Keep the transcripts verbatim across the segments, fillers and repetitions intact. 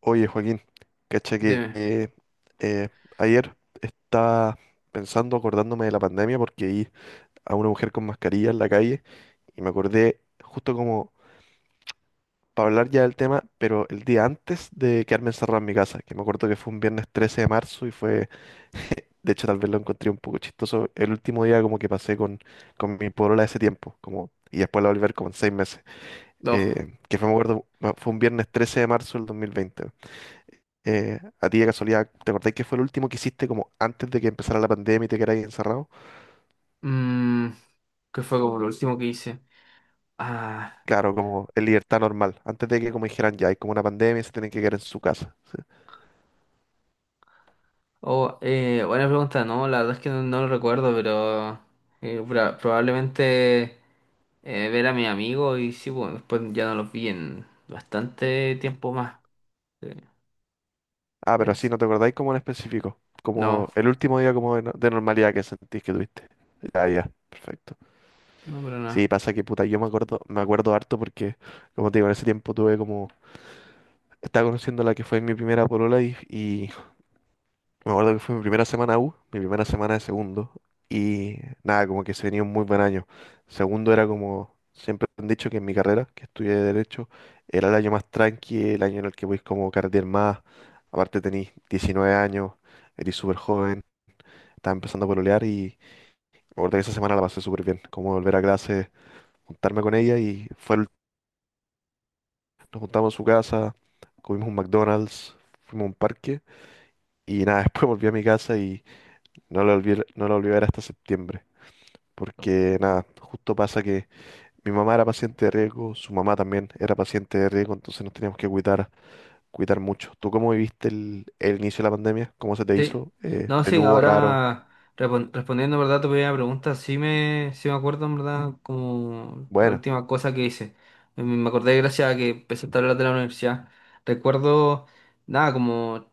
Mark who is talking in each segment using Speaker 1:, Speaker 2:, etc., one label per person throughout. Speaker 1: Oye, Joaquín, cacha que
Speaker 2: Dime.
Speaker 1: eh, eh, ayer estaba pensando, acordándome de la pandemia, porque vi a una mujer con mascarilla en la calle y me acordé justo como para hablar ya del tema, pero el día antes de quedarme encerrado en mi casa, que me acuerdo que fue un viernes trece de marzo y fue, de hecho, tal vez lo encontré un poco chistoso, el último día como que pasé con, con mi polola de ese tiempo, como, y después la volver como en seis meses,
Speaker 2: Dos.
Speaker 1: eh, que fue, me acuerdo, fue un viernes trece de marzo del dos mil veinte. Eh, a ti de casualidad, ¿te acordáis que fue el último que hiciste como antes de que empezara la pandemia y te quedáis encerrado?
Speaker 2: Mm, ¿Qué fue como lo último que hice? Ah,
Speaker 1: Claro, como en libertad normal, antes de que como dijeran ya, hay como una pandemia y se tienen que quedar en su casa.
Speaker 2: oh, eh, buena pregunta. No, la verdad es que no, no lo recuerdo, pero eh, pra- probablemente eh, ver a mi amigo y sí, bueno, después ya no los vi en bastante tiempo más. Sí,
Speaker 1: Ah, pero así
Speaker 2: es-
Speaker 1: no te acordáis como en específico, como
Speaker 2: no,
Speaker 1: el último día como de, no- de normalidad que sentís que tuviste. Ya, ya, perfecto.
Speaker 2: no, pero
Speaker 1: Sí,
Speaker 2: nada.
Speaker 1: pasa que puta, yo me acuerdo, me acuerdo harto porque, como te digo, en ese tiempo tuve como, estaba conociendo a la que fue mi primera polola y, y me acuerdo que fue mi primera semana U, mi primera semana de segundo, y nada, como que se venía un muy buen año. Segundo era como, siempre han dicho que en mi carrera, que estudié Derecho, era el año más tranqui, el año en el que voy como carretear más. Aparte tenís diecinueve años, eres súper joven, estaba empezando a pololear y me acuerdo que esa semana la pasé súper bien. Como volver a clase, juntarme con ella y fue el- nos juntamos en su casa, comimos un McDonald's, fuimos a un parque y nada, después volví a mi casa y no lo volví, no lo volví a ver hasta septiembre. Porque nada, justo pasa que mi mamá era paciente de riesgo, su mamá también era paciente de riesgo, entonces nos teníamos que cuidar, cuidar mucho. ¿Tú cómo viviste el, el inicio de la pandemia? ¿Cómo se te
Speaker 2: Sí,
Speaker 1: hizo? Eh,
Speaker 2: no, sí,
Speaker 1: peludo, raro,
Speaker 2: ahora respon- respondiendo, ¿verdad? Tu primera pregunta, sí me, sí me acuerdo. ¿En verdad? Como la
Speaker 1: bueno,
Speaker 2: última cosa que hice. Me me acordé gracias a que empecé a hablar de la universidad. Recuerdo, nada, como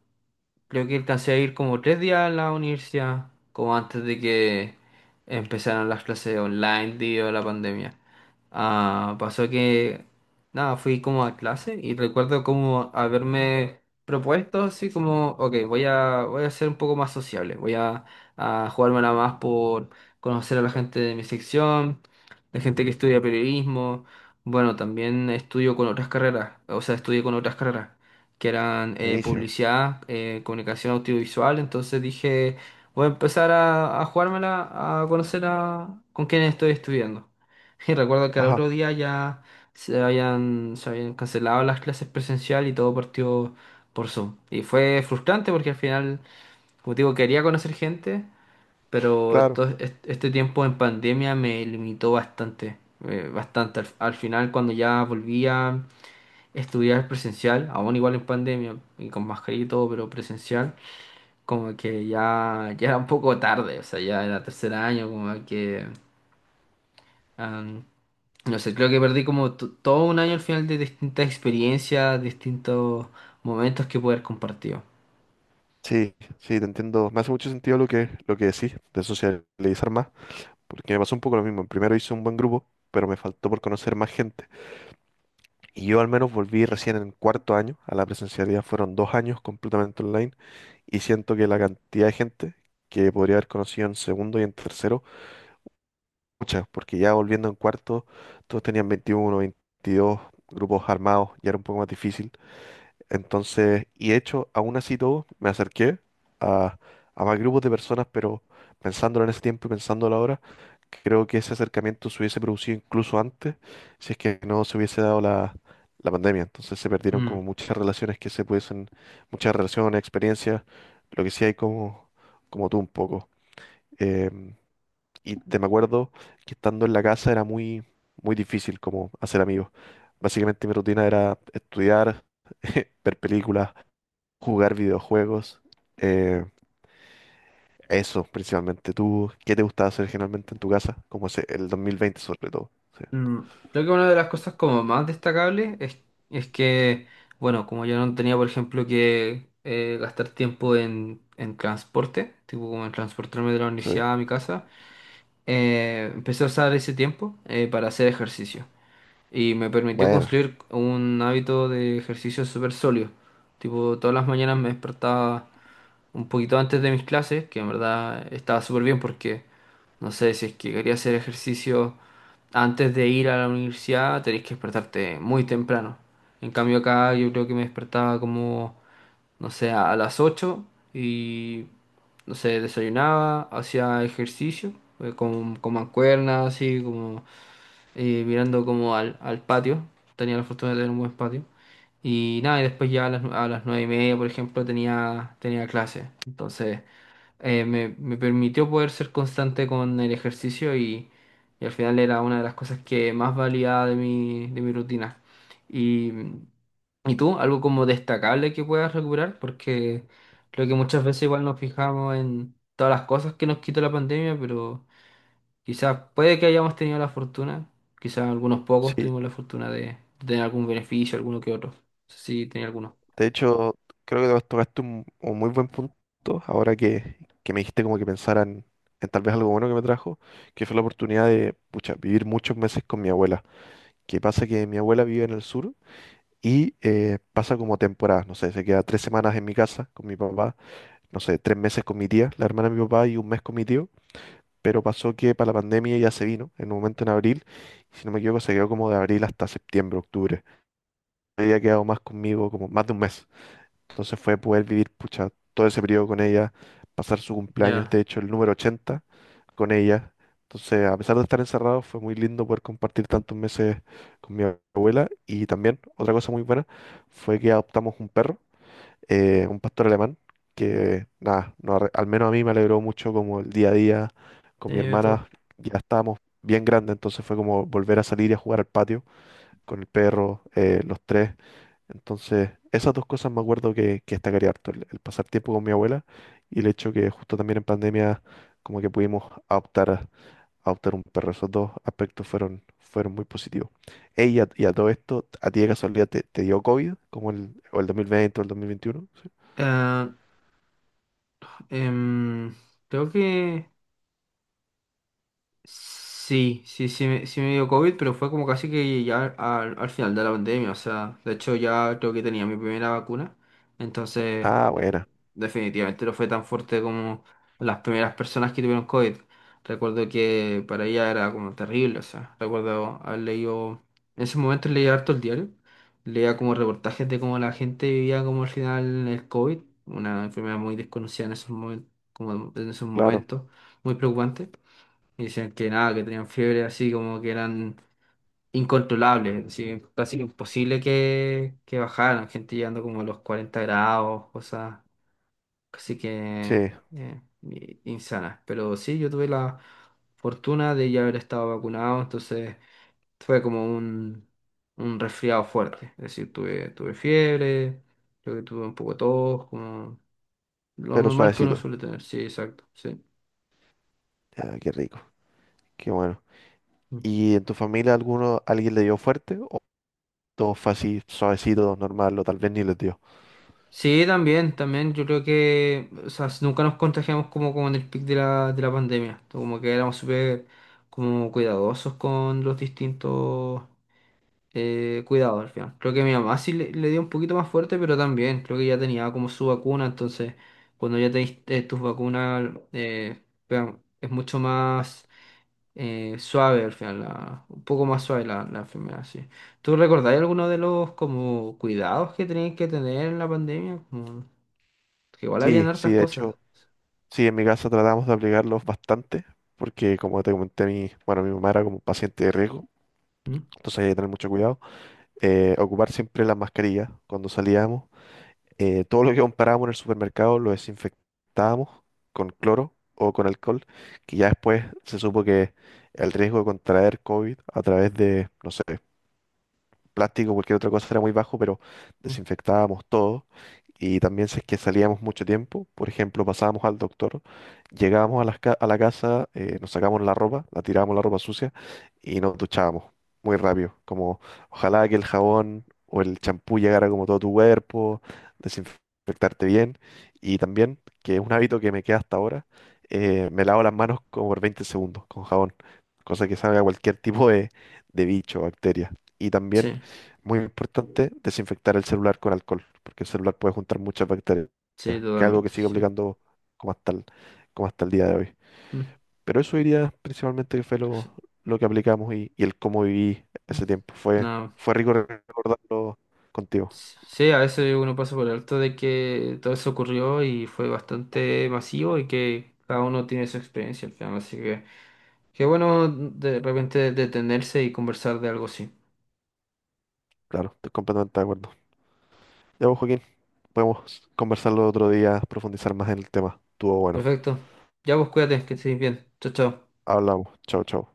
Speaker 2: creo que alcancé a ir como tres días a la universidad, como antes de que empezaran las clases online debido a la pandemia. Ah, pasó que, nada, fui como a clase y recuerdo como haberme propuesto así como, ok, voy a, voy a ser un poco más sociable, voy a, a jugármela más por conocer a la gente de mi sección, la gente que estudia periodismo. Bueno, también estudio con otras carreras, o sea, estudié con otras carreras que eran eh,
Speaker 1: buenísimo.
Speaker 2: publicidad, eh, comunicación audiovisual. Entonces dije, voy a empezar a, a jugármela, a conocer a, con quién estoy estudiando. Y recuerdo que al
Speaker 1: Ajá,
Speaker 2: otro día ya se habían, se habían cancelado las clases presencial y todo partió por Zoom. Y fue frustrante porque al final, como te digo, quería conocer gente, pero
Speaker 1: claro.
Speaker 2: to- est- este tiempo en pandemia me limitó bastante, eh, bastante. Al, al final, cuando ya volvía estudiar presencial, aún igual en pandemia y con mascarilla y todo, pero presencial, como que ya, ya era un poco tarde, o sea, ya era tercer año, como que, am, no sé, creo que perdí como to- todo un año al final de distintas experiencias, distintos momentos que poder compartido.
Speaker 1: Sí, sí, te entiendo. Me hace mucho sentido lo que, lo que decís, de socializar más, porque me pasó un poco lo mismo. En primero hice un buen grupo, pero me faltó por conocer más gente. Y yo al menos volví recién en cuarto año a la presencialidad, fueron dos años completamente online. Y siento que la cantidad de gente que podría haber conocido en segundo y en tercero, muchas, porque ya volviendo en cuarto, todos tenían veintiuno veintidós grupos armados, ya era un poco más difícil. Entonces, y de hecho, aún así todo, me acerqué a, a más grupos de personas, pero pensándolo en ese tiempo y pensándolo ahora, creo que ese acercamiento se hubiese producido incluso antes, si es que no se hubiese dado la, la pandemia. Entonces se perdieron como
Speaker 2: Mm,
Speaker 1: muchas relaciones que se pudiesen, muchas relaciones, experiencias, lo que sí hay como, como tú un poco. Em, y te me acuerdo que estando en la casa era muy, muy difícil como hacer amigos. Básicamente mi rutina era estudiar, ver películas, jugar videojuegos, eh, eso principalmente. ¿Tú qué te gustaba hacer generalmente en tu casa? Como ese- el dos mil veinte sobre todo. Sí,
Speaker 2: mm. Creo que una de las cosas como más destacables es, es que, bueno, como yo no tenía, por ejemplo, que eh, gastar tiempo en, en transporte, tipo como en transportarme de la
Speaker 1: sí.
Speaker 2: universidad a mi casa. Eh, empecé a usar ese tiempo eh, para hacer ejercicio y me permitió
Speaker 1: Bueno,
Speaker 2: construir un hábito de ejercicio súper sólido. Tipo, todas las mañanas me despertaba un poquito antes de mis clases, que en verdad estaba súper bien porque, no sé, si es que quería hacer ejercicio antes de ir a la universidad, tenés que despertarte muy temprano. En cambio acá yo creo que me despertaba como, no sé, a las ocho y, no sé, desayunaba, hacía ejercicio, eh, con, con mancuernas, así como eh, mirando como al, al patio. Tenía la fortuna de tener un buen patio. Y nada, y después ya a las, a las nueve y media, por ejemplo, tenía, tenía clase. Entonces, eh, me, me permitió poder ser constante con el ejercicio, y, y al final era una de las cosas que más valía de mi, de mi rutina. Y, ¿Y tú? ¿Algo como destacable que puedas recuperar? Porque creo que muchas veces igual nos fijamos en todas las cosas que nos quitó la pandemia, pero quizás puede que hayamos tenido la fortuna, quizás algunos pocos
Speaker 1: sí.
Speaker 2: tuvimos la fortuna de tener algún beneficio, alguno que otro. No sé si tenía alguno.
Speaker 1: De hecho, creo que to- tocaste un, un muy buen punto ahora que, que me dijiste como que pensaran en en tal vez algo bueno que me trajo, que fue la oportunidad de, pucha, vivir muchos meses con mi abuela. Que pasa que mi abuela vive en el sur y eh, pasa como temporadas, no sé, se queda tres semanas en mi casa con mi papá, no sé, tres meses con mi tía, la hermana de mi papá y un mes con mi tío. Pero pasó que para la pandemia ya se vino, en un momento en abril, y si no me equivoco se quedó como de abril hasta septiembre, octubre. Había quedado más conmigo como más de un mes. Entonces fue poder vivir, pucha, todo ese periodo con ella, pasar su cumpleaños,
Speaker 2: Ya,
Speaker 1: de hecho, el número ochenta con ella. Entonces, a pesar de estar encerrado, fue muy lindo poder compartir tantos meses con mi abuela. Y también, otra cosa muy buena, fue que adoptamos un perro, eh, un pastor alemán que, nada, no arre- al menos a mí me alegró mucho como el día a día con mi
Speaker 2: tiene de
Speaker 1: hermana,
Speaker 2: todo.
Speaker 1: ya estábamos bien grandes, entonces fue como volver a salir y a jugar al patio con el perro, eh, los tres. Entonces, esas dos cosas me acuerdo que, que destacaría harto, el, el pasar tiempo con mi abuela y el hecho que justo también en pandemia como que pudimos adoptar adoptar un perro. Esos dos aspectos fueron, fueron muy positivos. Ey, y a, y a todo esto, ¿a ti de casualidad te, te dio COVID? Como el, o el dos mil veinte o el dos mil veintiuno.
Speaker 2: Ah, em, creo que sí, sí, sí me, sí me dio COVID, pero fue como casi que ya al, al final de la pandemia. O sea, de hecho ya creo que tenía mi primera vacuna. Entonces,
Speaker 1: Ah, buena,
Speaker 2: definitivamente no fue tan fuerte como las primeras personas que tuvieron COVID. Recuerdo que para ella era como terrible, o sea, recuerdo haber leído, en ese momento leía harto el diario, leía como reportajes de cómo la gente vivía como al final el COVID, una enfermedad muy desconocida en esos momentos, como en esos
Speaker 1: claro,
Speaker 2: momentos, muy preocupante. Y decían que nada, que tenían fiebre así como que eran incontrolables, así, casi imposible que, que bajaran, gente llegando como a los cuarenta grados, cosas. Así que
Speaker 1: sí,
Speaker 2: eh, i- insana. Pero sí, yo tuve la fortuna de ya haber estado vacunado, entonces fue como un, un resfriado fuerte. Es decir, tuve, tuve fiebre, creo que tuve un poco de tos, como lo
Speaker 1: pero
Speaker 2: normal que uno
Speaker 1: suavecito.
Speaker 2: suele tener. Sí, exacto, sí.
Speaker 1: Ya, qué rico, qué bueno.
Speaker 2: Mm.
Speaker 1: ¿Y en tu familia alguno, alguien le dio fuerte? ¿O todo fue así, suavecito, normal, o tal vez ni les dio?
Speaker 2: Sí, también, también. Yo creo que, o sea, nunca nos contagiamos como, como en el pic de la, de la pandemia. Como que éramos súper como cuidadosos con los distintos eh, cuidado al final. Creo que mi mamá sí le, le dio un poquito más fuerte, pero también creo que ya tenía como su vacuna, entonces cuando ya tenéis eh, tus vacunas eh, pegan- es mucho más eh, suave al final, la- un poco más suave la, la enfermedad, sí. ¿Tú recordáis alguno de los como cuidados que tenías que tener en la pandemia? Como que igual habían
Speaker 1: Sí, sí,
Speaker 2: hartas
Speaker 1: de
Speaker 2: cosas.
Speaker 1: hecho, sí, en mi casa tratamos de aplicarlos bastante, porque como te comenté, mi, bueno, mi mamá era como paciente de riesgo,
Speaker 2: ¿Mm?
Speaker 1: entonces hay que tener mucho cuidado. Eh, ocupar siempre la mascarilla cuando salíamos. Eh, todo lo que comprábamos en el supermercado lo desinfectábamos con cloro o con alcohol, que ya después se supo que el riesgo de contraer COVID a través de, no sé, plástico, cualquier otra cosa era muy bajo, pero desinfectábamos todo. Y también si es que salíamos mucho tiempo, por ejemplo, pasábamos al doctor, llegábamos a, las ca- a la casa, eh, nos sacábamos la ropa, la tirábamos la ropa sucia y nos duchábamos muy rápido. Como ojalá que el jabón o el champú llegara como todo tu cuerpo, desinfectarte bien. Y también, que es un hábito que me queda hasta ahora, eh, me lavo las manos como por veinte segundos con jabón, cosa que salga cualquier tipo de, de bicho, bacteria. Y también
Speaker 2: Sí,
Speaker 1: muy importante, desinfectar el celular con alcohol, porque el celular puede juntar muchas bacterias, que
Speaker 2: sí,
Speaker 1: es algo que
Speaker 2: totalmente,
Speaker 1: sigue
Speaker 2: sí.
Speaker 1: aplicando como hasta el, como hasta el día de hoy.
Speaker 2: Mm,
Speaker 1: Pero eso diría principalmente que fue
Speaker 2: sí.
Speaker 1: lo, lo que aplicamos y, y el cómo viví
Speaker 2: Mm.
Speaker 1: ese tiempo. Fue,
Speaker 2: Nada.
Speaker 1: fue rico recordarlo contigo.
Speaker 2: Sí, a veces uno pasa por alto de que todo eso ocurrió y fue bastante masivo y que cada uno tiene su experiencia al final. Así que qué bueno de repente detenerse y conversar de algo así.
Speaker 1: Claro, estoy completamente de acuerdo. Ya vos, Joaquín, podemos conversarlo otro día, profundizar más en el tema. Estuvo bueno.
Speaker 2: Perfecto. Ya vos cuídate, que estés bien. Chao, chao.
Speaker 1: Hablamos. Chao, chao.